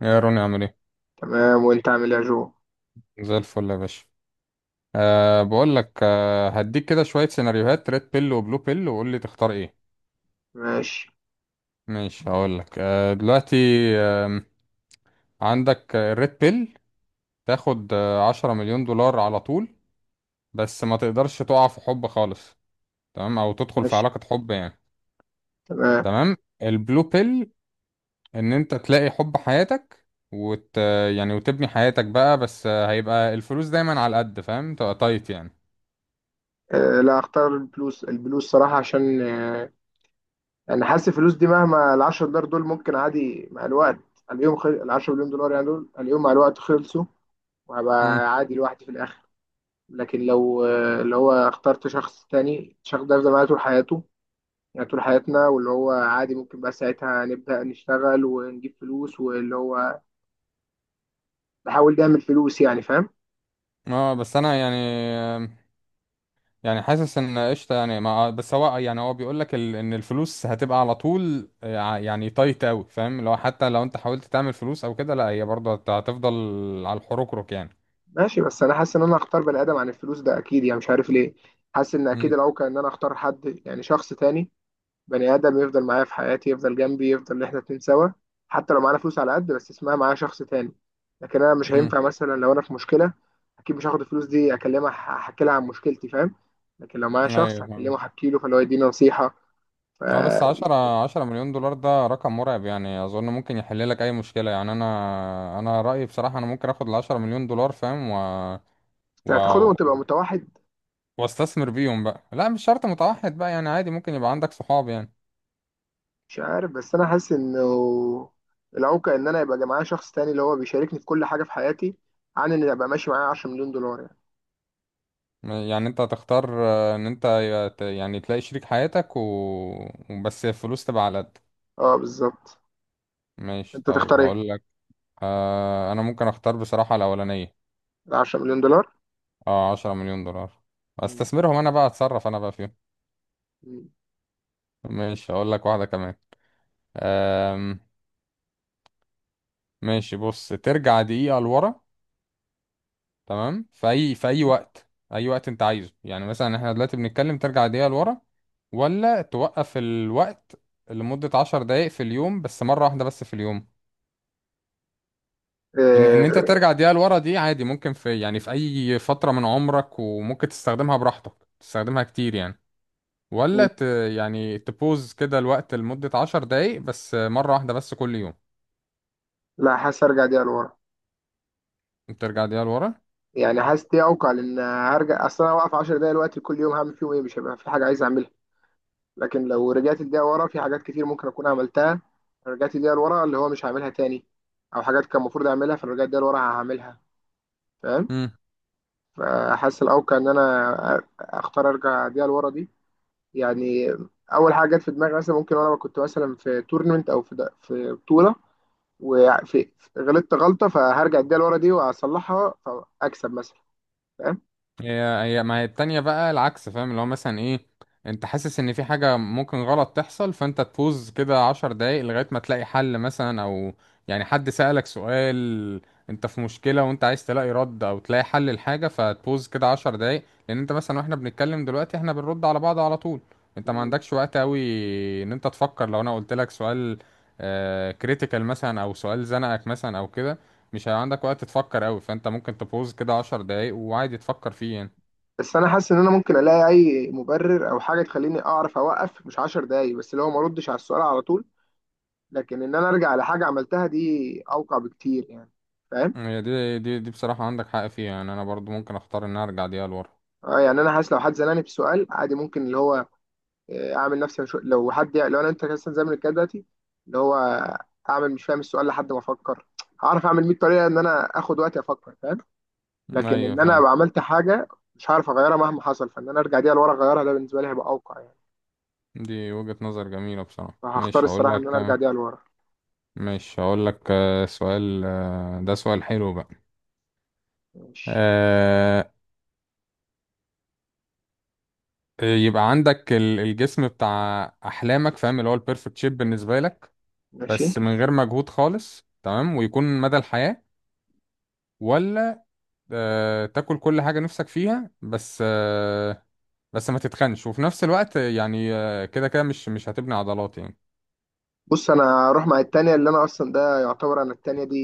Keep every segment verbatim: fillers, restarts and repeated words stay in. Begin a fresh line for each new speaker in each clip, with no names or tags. يا روني، عامل ايه؟
تمام، وانت عامل ايه يا جو؟
زي الفل يا باشا. أه بقول لك، أه هديك كده شويه سيناريوهات: ريد بيل وبلو بيل، وقول لي تختار ايه.
ماشي.
ماشي، هقول لك أه دلوقتي. آم، عندك الريد بيل، تاخد آه، عشرة مليون دولار على طول، بس ما تقدرش تقع في حب خالص، تمام؟ او تدخل في
ماشي.
علاقه حب يعني.
تمام.
تمام. البلو بيل، ان انت تلاقي حب حياتك، وت يعني وتبني حياتك بقى، بس آه، هيبقى الفلوس دايما على قد فاهم، تبقى تايت يعني.
آه لا، اختار الفلوس. الفلوس صراحة، عشان آه انا حاسس الفلوس دي مهما، ال عشر دولار دول ممكن عادي مع الوقت اليوم. خل... ال عشرة مليون دولار يعني دول اليوم مع الوقت خلصوا، وهبقى
مم.
عادي لوحدي في الاخر. لكن لو آه اللي هو اخترت شخص تاني، الشخص ده هيفضل معايا طول حياته، يعني طول حياتنا، واللي هو عادي ممكن بقى ساعتها نبدأ نشتغل ونجيب فلوس، واللي هو نحاول نعمل فلوس، يعني فاهم؟
اه، بس انا يعني، يعني حاسس ان قشطه، يعني ما آه، بس هو يعني هو بيقول لك ال... ان الفلوس هتبقى على طول، ع- يعني تايت قوي فاهم. لو حتى لو انت حاولت تعمل فلوس او كده، لا، هي برضه هت- هتفضل على الحروكروك يعني.
ماشي. بس انا حاسس ان انا هختار بني ادم عن الفلوس ده اكيد، يعني مش عارف ليه. حاسس ان اكيد
مم.
الاوقع ان انا اختار حد، يعني شخص تاني، بني ادم يفضل معايا في حياتي، يفضل جنبي، يفضل ان احنا اتنين سوا. حتى لو معانا فلوس على قد، بس اسمها معايا شخص تاني. لكن انا مش
مم.
هينفع مثلا لو انا في مشكله اكيد مش هاخد الفلوس دي اكلمها، ح- احكي لها عن مشكلتي، فاهم؟ لكن لو معايا شخص
ايوه فاهم.
هكلمه احكي له، فاللي هو يديني نصيحه. ف
اه، بس عشرة عشرة مليون دولار ده رقم مرعب يعني، اظن ممكن يحل لك اي مشكله يعني. انا انا رايي بصراحه انا ممكن اخد العشرة مليون دولار فاهم، و...
هتاخدهم
و...
وتبقى متوحد.
واستثمر بيهم بقى. لا، مش شرط متوحد بقى يعني، عادي ممكن يبقى عندك صحاب يعني.
مش عارف، بس انا حاسس انه العوكة ان انا يبقى معايا شخص تاني اللي هو بيشاركني في كل حاجة في حياتي، عن ان يبقى ماشي معايا عشرة مليون دولار يعني.
يعني انت هتختار آه، ان انت يت- يعني تلاقي شريك حياتك و... وبس الفلوس تبقى على قد.
اه بالظبط.
ماشي،
انت
طيب
تختار
هقول
ايه؟
لك. آه انا ممكن اختار بصراحة الاولانية.
ال عشرة مليون دولار.
اه، عشرة مليون دولار،
مم.
استثمرهم انا بقى، اتصرف انا بقى فيهم.
مم.
ماشي، هقول لك واحدة كمان. آم... ماشي، بص: ترجع دقيقة لورا، تمام، في اي في اي وقت، اي وقت انت عايزه يعني. مثلا احنا دلوقتي بنتكلم، ترجع دقيقة لورا، ولا توقف الوقت لمدة عشر دقايق في اليوم، بس مرة واحدة بس في اليوم. ان ان انت
إيه.
ترجع دقيقة لورا دي عادي ممكن في، يعني في اي فترة من عمرك، وممكن تستخدمها براحتك، تستخدمها كتير يعني.
مم.
ولا ت يعني تبوز كده الوقت لمدة عشر دقايق، بس مرة واحدة بس كل يوم.
لا، حاسس ارجع دقيقة لورا.
ترجع دقيقة لورا.
يعني حاسس دي اوقع، لان هرجع. اصل انا واقف عشر دقايق دلوقتي كل يوم، هعمل فيهم ايه؟ مش هيبقى في حاجة عايز اعملها. لكن لو رجعت الدقيقة ورا، في حاجات كتير ممكن اكون عملتها. رجعت الدقيقة لورا اللي هو مش هعملها تاني، او حاجات كان المفروض اعملها فرجعت الدقيقة لورا هعملها، فاهم؟ فحاسس الاوقع ان انا اختار ارجع بيها لورا دي، يعني اول حاجه جت في دماغي مثلا، ممكن وانا كنت مثلا في تورنمنت او في في بطوله، وفي غلطت غلطه، فهرجع اديها لورا دي واصلحها، فاكسب مثلا، فاهم؟
هي هي ما هي التانية بقى العكس فاهم، اللي هو مثلا ايه؟ انت حاسس ان في حاجة ممكن غلط تحصل، فانت تفوز كده عشر دقايق لغاية ما تلاقي حل مثلا. او يعني حد سألك سؤال، انت في مشكلة وانت عايز تلاقي رد او تلاقي حل الحاجة، فتبوظ كده عشر دقايق. لان انت مثلا، واحنا بنتكلم دلوقتي، احنا بنرد على بعض على طول، انت ما عندكش وقت قوي ان انت تفكر. لو انا قلت لك سؤال كريتيكال مثلا، او سؤال زنقك مثلا او كده، مش هيبقى عندك وقت تفكر قوي، فانت ممكن تبوظ كده عشر دقايق وعادي تفكر فيه يعني.
بس انا حاسس ان انا ممكن الاقي اي مبرر او حاجه تخليني اعرف اوقف مش عشر دقايق بس، اللي هو ما اردش على السؤال على طول. لكن ان انا ارجع لحاجه عملتها دي اوقع بكتير يعني، فاهم؟
هي دي دي دي بصراحة عندك حق فيها يعني، انا برضو ممكن اختار ان أنا ارجع دقيقة لورا.
اه يعني انا حاسس لو حد زنقني بسؤال عادي، ممكن اللي هو آه، اعمل نفسي مش... لو حد لو انا انت مثلا زي ما بنتكلم دلوقتي، اللي هو اعمل مش فاهم السؤال لحد ما افكر. هعرف اعمل مية طريقه ان انا اخد وقتي افكر، فاهم؟ لكن
ايوه
ان انا
فاهم.
ابقى عملت حاجه مش هعرف اغيرها مهما حصل، فان انا ارجع دي لورا اغيرها، ده بالنسبه لي هيبقى اوقع يعني.
دي وجهة نظر جميلة بصراحة.
فهختار
ماشي، هقول
الصراحه
لك
ان انا ارجع
كمان.
دي لورا.
ماشي، هقول لك آه، سؤال، آه، ده سؤال حلو بقى.
ماشي.
آه، يبقى عندك ال- الجسم بتاع احلامك، فاهم، اللي هو البيرفكت شيب بالنسبة لك،
ماشي.
بس من غير مجهود خالص تمام، ويكون مدى الحياة. ولا آه، تاكل كل حاجة نفسك فيها، بس آه، بس ما تتخنش، وفي نفس الوقت يعني آه، كده كده مش مش هتبني عضلات يعني.
بص، انا هروح مع التانية، اللي انا اصلا ده يعتبر انا التانية دي،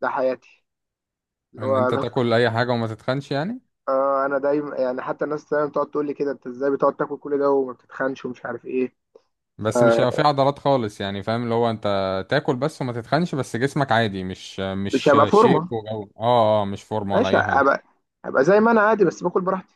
ده حياتي اللي
ان
هو
انت
انا.
تاكل اي حاجة وما تتخنش يعني.
آه، انا دايما يعني، حتى الناس دايما بتقعد تقول لي كده انت ازاي بتقعد تاكل كل ده وما بتتخنش ومش عارف ايه. ف-
بس مش هيبقى في عضلات خالص يعني فاهم، اللي هو انت تاكل بس وما تتخنش، بس جسمك عادي مش
مش
مش
هبقى
شيب
فورمه.
وجو، اه اه مش فورمة ولا
ماشي،
اي حاجة.
ابقى، ابقى زي ما انا عادي بس باكل براحتي.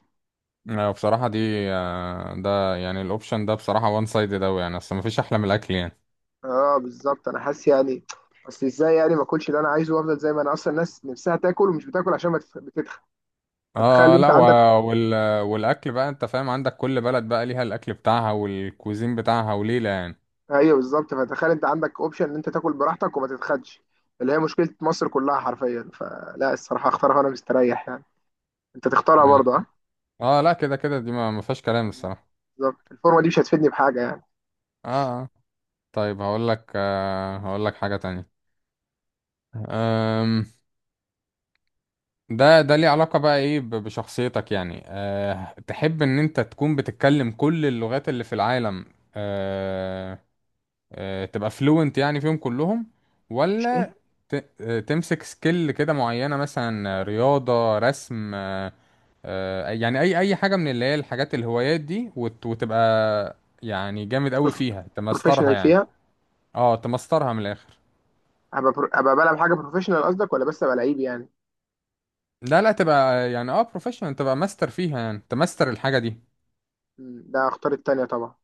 آه، بصراحة دي آه، ده يعني الاوبشن ده بصراحة وان سايدد اوي يعني، اصل مفيش احلى من الاكل يعني.
اه بالظبط. انا حاسس يعني اصل ازاي يعني ما اكلش اللي انا عايزه وافضل زي ما انا، اصلا الناس نفسها تاكل ومش بتاكل عشان ما تف- بتتخن. فتخيل
اه،
انت
لا
عندك.
و- وال... والاكل بقى انت فاهم، عندك كل بلد بقى ليها الاكل بتاعها والكوزين بتاعها وليلة يعني.
ايوه بالظبط. فتخيل انت عندك اوبشن ان انت تاكل براحتك وما تتخنش، اللي هي مشكله مصر كلها حرفيا، فلا الصراحه اختارها وانا مستريح يعني. انت تختارها
ماشي.
برضه؟ ها.
اه، لا، كده كده دي ما ما فيهاش كلام الصراحة.
بالظبط، الفورمه دي مش هتفيدني بحاجه يعني.
اه. اه. طيب هقول لك آه هقول لك حاجة تانية. أم... ده ده ليه علاقة بقى ايه ب- بشخصيتك يعني؟ أه... تحب ان انت تكون بتتكلم كل اللغات اللي في العالم، أه... أه... تبقى فلوينت يعني فيهم كلهم؟
مش ايه
ولا ت... آه، تمسك سكيل كده معينة، مثلا آه، رياضة، رسم، آه، آه، يعني اي اي حاجه من اللي هي الحاجات الهوايات دي، وت- وتبقى يعني جامد قوي فيها، تمسترها
بروفيشنال
يعني.
فيها؟
اه، تمسترها من الاخر.
ابقى برو- ابقى بلعب حاجه بروفيشنال قصدك، ولا بس ابقى لعيب يعني.
لا لا، تبقى يعني اه بروفيشنال، تبقى ماستر فيها، يعني تمستر الحاجه دي.
مم، ده اختار التانيه طبعا.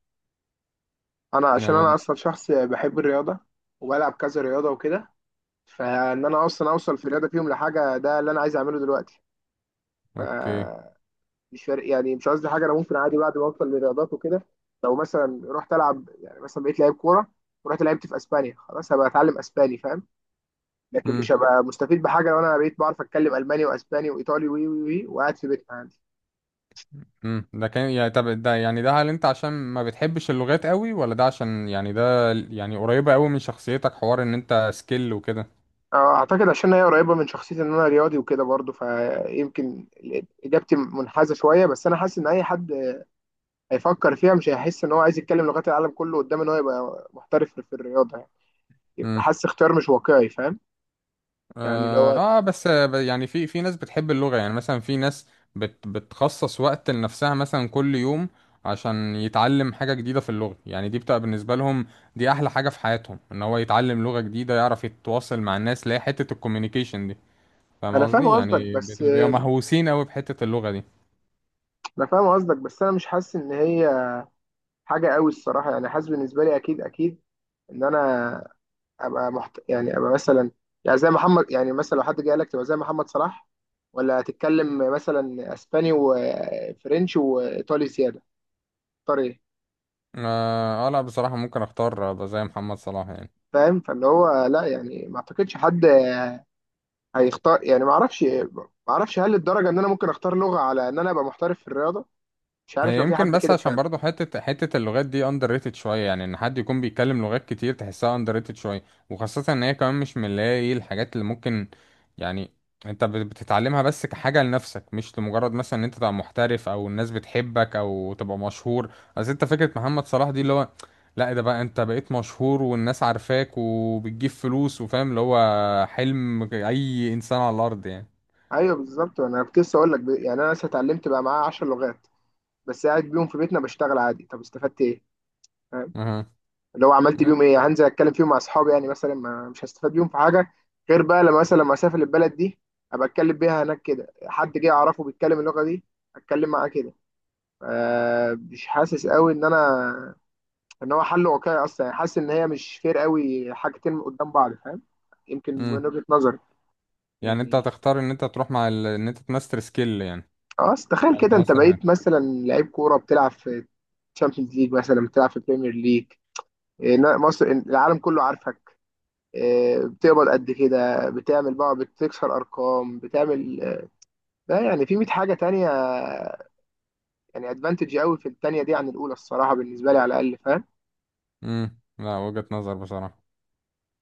انا عشان انا
نعم.
اصلا شخص بحب الرياضه، وبلعب كذا رياضه وكده، فان انا اصلا اوصل في الرياضه فيهم لحاجه ده اللي انا عايز اعمله دلوقتي.
اوكي.
فمش فارق يعني، مش قصدي حاجه، انا ممكن عادي بعد ما اوصل للرياضات وكده، لو مثلا رحت العب يعني مثلا بقيت لعيب كوره ورحت لعبت في اسبانيا، خلاص هبقى اتعلم اسباني، فاهم؟ لكن مش
امم.
هبقى مستفيد بحاجه لو انا بقيت بعرف اتكلم الماني واسباني وايطالي وي وي وي وقاعد في بيتنا عادي.
امم، ده كان يعني، طب ده يعني، ده هل انت عشان ما بتحبش اللغات قوي؟ ولا ده عشان، يعني ده يعني قريبه قوي من شخصيتك، حوار ان انت سكيل وكده؟
آه، اعتقد عشان هي قريبه من شخصيتي ان انا رياضي وكده برضه، فيمكن اجابتي منحازه شويه، بس انا حاسس ان اي حد هيفكر فيها مش هيحس ان هو عايز يتكلم لغات العالم كله قدام ان هو يبقى محترف في الرياضه، يعني يبقى حاسس اختيار مش واقعي، فاهم؟ يعني اللي هو
اه، آه، بس آه، يعني في في ناس بتحب اللغة، يعني مثلا في ناس بت بتخصص وقت لنفسها مثلا كل يوم، عشان يتعلم حاجة جديدة في اللغة. يعني دي بتبقى بالنسبة لهم دي أحلى حاجة في حياتهم، إن هو يتعلم لغة جديدة، يعرف يتواصل مع الناس، اللي هي حتة الكوميونيكيشن دي، فاهم
انا فاهم
قصدي؟
قصدك
يعني بت-
بس
بيبقوا مهووسين أوي بحتة اللغة دي.
انا فاهم قصدك، بس انا مش حاسس ان هي حاجه قوي الصراحه، يعني حاسس بالنسبه لي اكيد اكيد ان انا ابقى محت... يعني ابقى مثلا، يعني زي محمد يعني مثلا لو حد جه قال لك تبقى زي محمد صلاح، ولا هتتكلم مثلا اسباني وفرنش وايطالي زياده، اختار ايه؟
اه، آه، لا بصراحة ممكن أختار أبقى زي محمد صلاح يعني.
فاهم؟ فاللي هو لا، يعني ما اعتقدش حد هيختار يعني، ما اعرفش، ما اعرفش هل الدرجه ان انا ممكن اختار لغه على ان انا ابقى محترف في الرياضه، مش عارف
هي
لو في
يمكن،
حد
بس
كده
عشان
فعلا.
برضه حتة حتة اللغات دي اندر ريتد شوية يعني، ان حد يكون بيتكلم لغات كتير تحسها اندر ريتد شوية. وخاصة ان هي كمان مش من اللي هي ايه الحاجات اللي ممكن يعني انت بت- بتتعلمها بس كحاجة لنفسك، مش لمجرد مثلا ان انت تبقى محترف او الناس بتحبك او تبقى مشهور. اصل انت فكرة محمد صلاح دي اللي هو، لا، ده بقى انت بقيت مشهور والناس عارفاك وبتجيب فلوس وفاهم، اللي هو حلم اي انسان على الارض يعني.
ايوه بالظبط. انا كنت لسه اقول لك ب- يعني انا لسه اتعلمت بقى معايا عشر لغات، بس قاعد بيهم في بيتنا بشتغل عادي، طب استفدت ايه؟ فاهم؟
اها.
لو عملت بيهم ايه؟ هنزل اتكلم فيهم مع اصحابي يعني مثلا، ما مش هستفاد بيهم في حاجه، غير بقى لما مثلا لما اسافر البلد دي ابقى اتكلم بيها هناك. كده حد جه اعرفه بيتكلم اللغه دي، اتكلم معاه كده. ف- مش حاسس قوي ان انا ان هو حل واقعي اصلا، يعني حاسس ان هي مش فير قوي حاجتين قدام بعض، فاهم؟ يمكن
ماشي.
من وجهة نظري
يعني انت
يعني.
هتختار ان انت تروح مع ال... ان انت تماستر سكيل يعني،
خلاص تخيل
او
كده، انت
تماستر حاجه.
بقيت مثلا لعيب كوره بتلعب في تشامبيونز ليج مثلا، بتلعب في بريمير ليج، إيه، نا- مصر العالم كله عارفك، إيه، بتقبض قد كده بتعمل بقى، بتكسر ارقام بتعمل، لا يعني في مائة حاجه تانية، يعني ادفانتج قوي في التانية دي عن الاولى الصراحه بالنسبه لي على الاقل، فاهم؟
امم. لا، وجهة نظر بصراحه.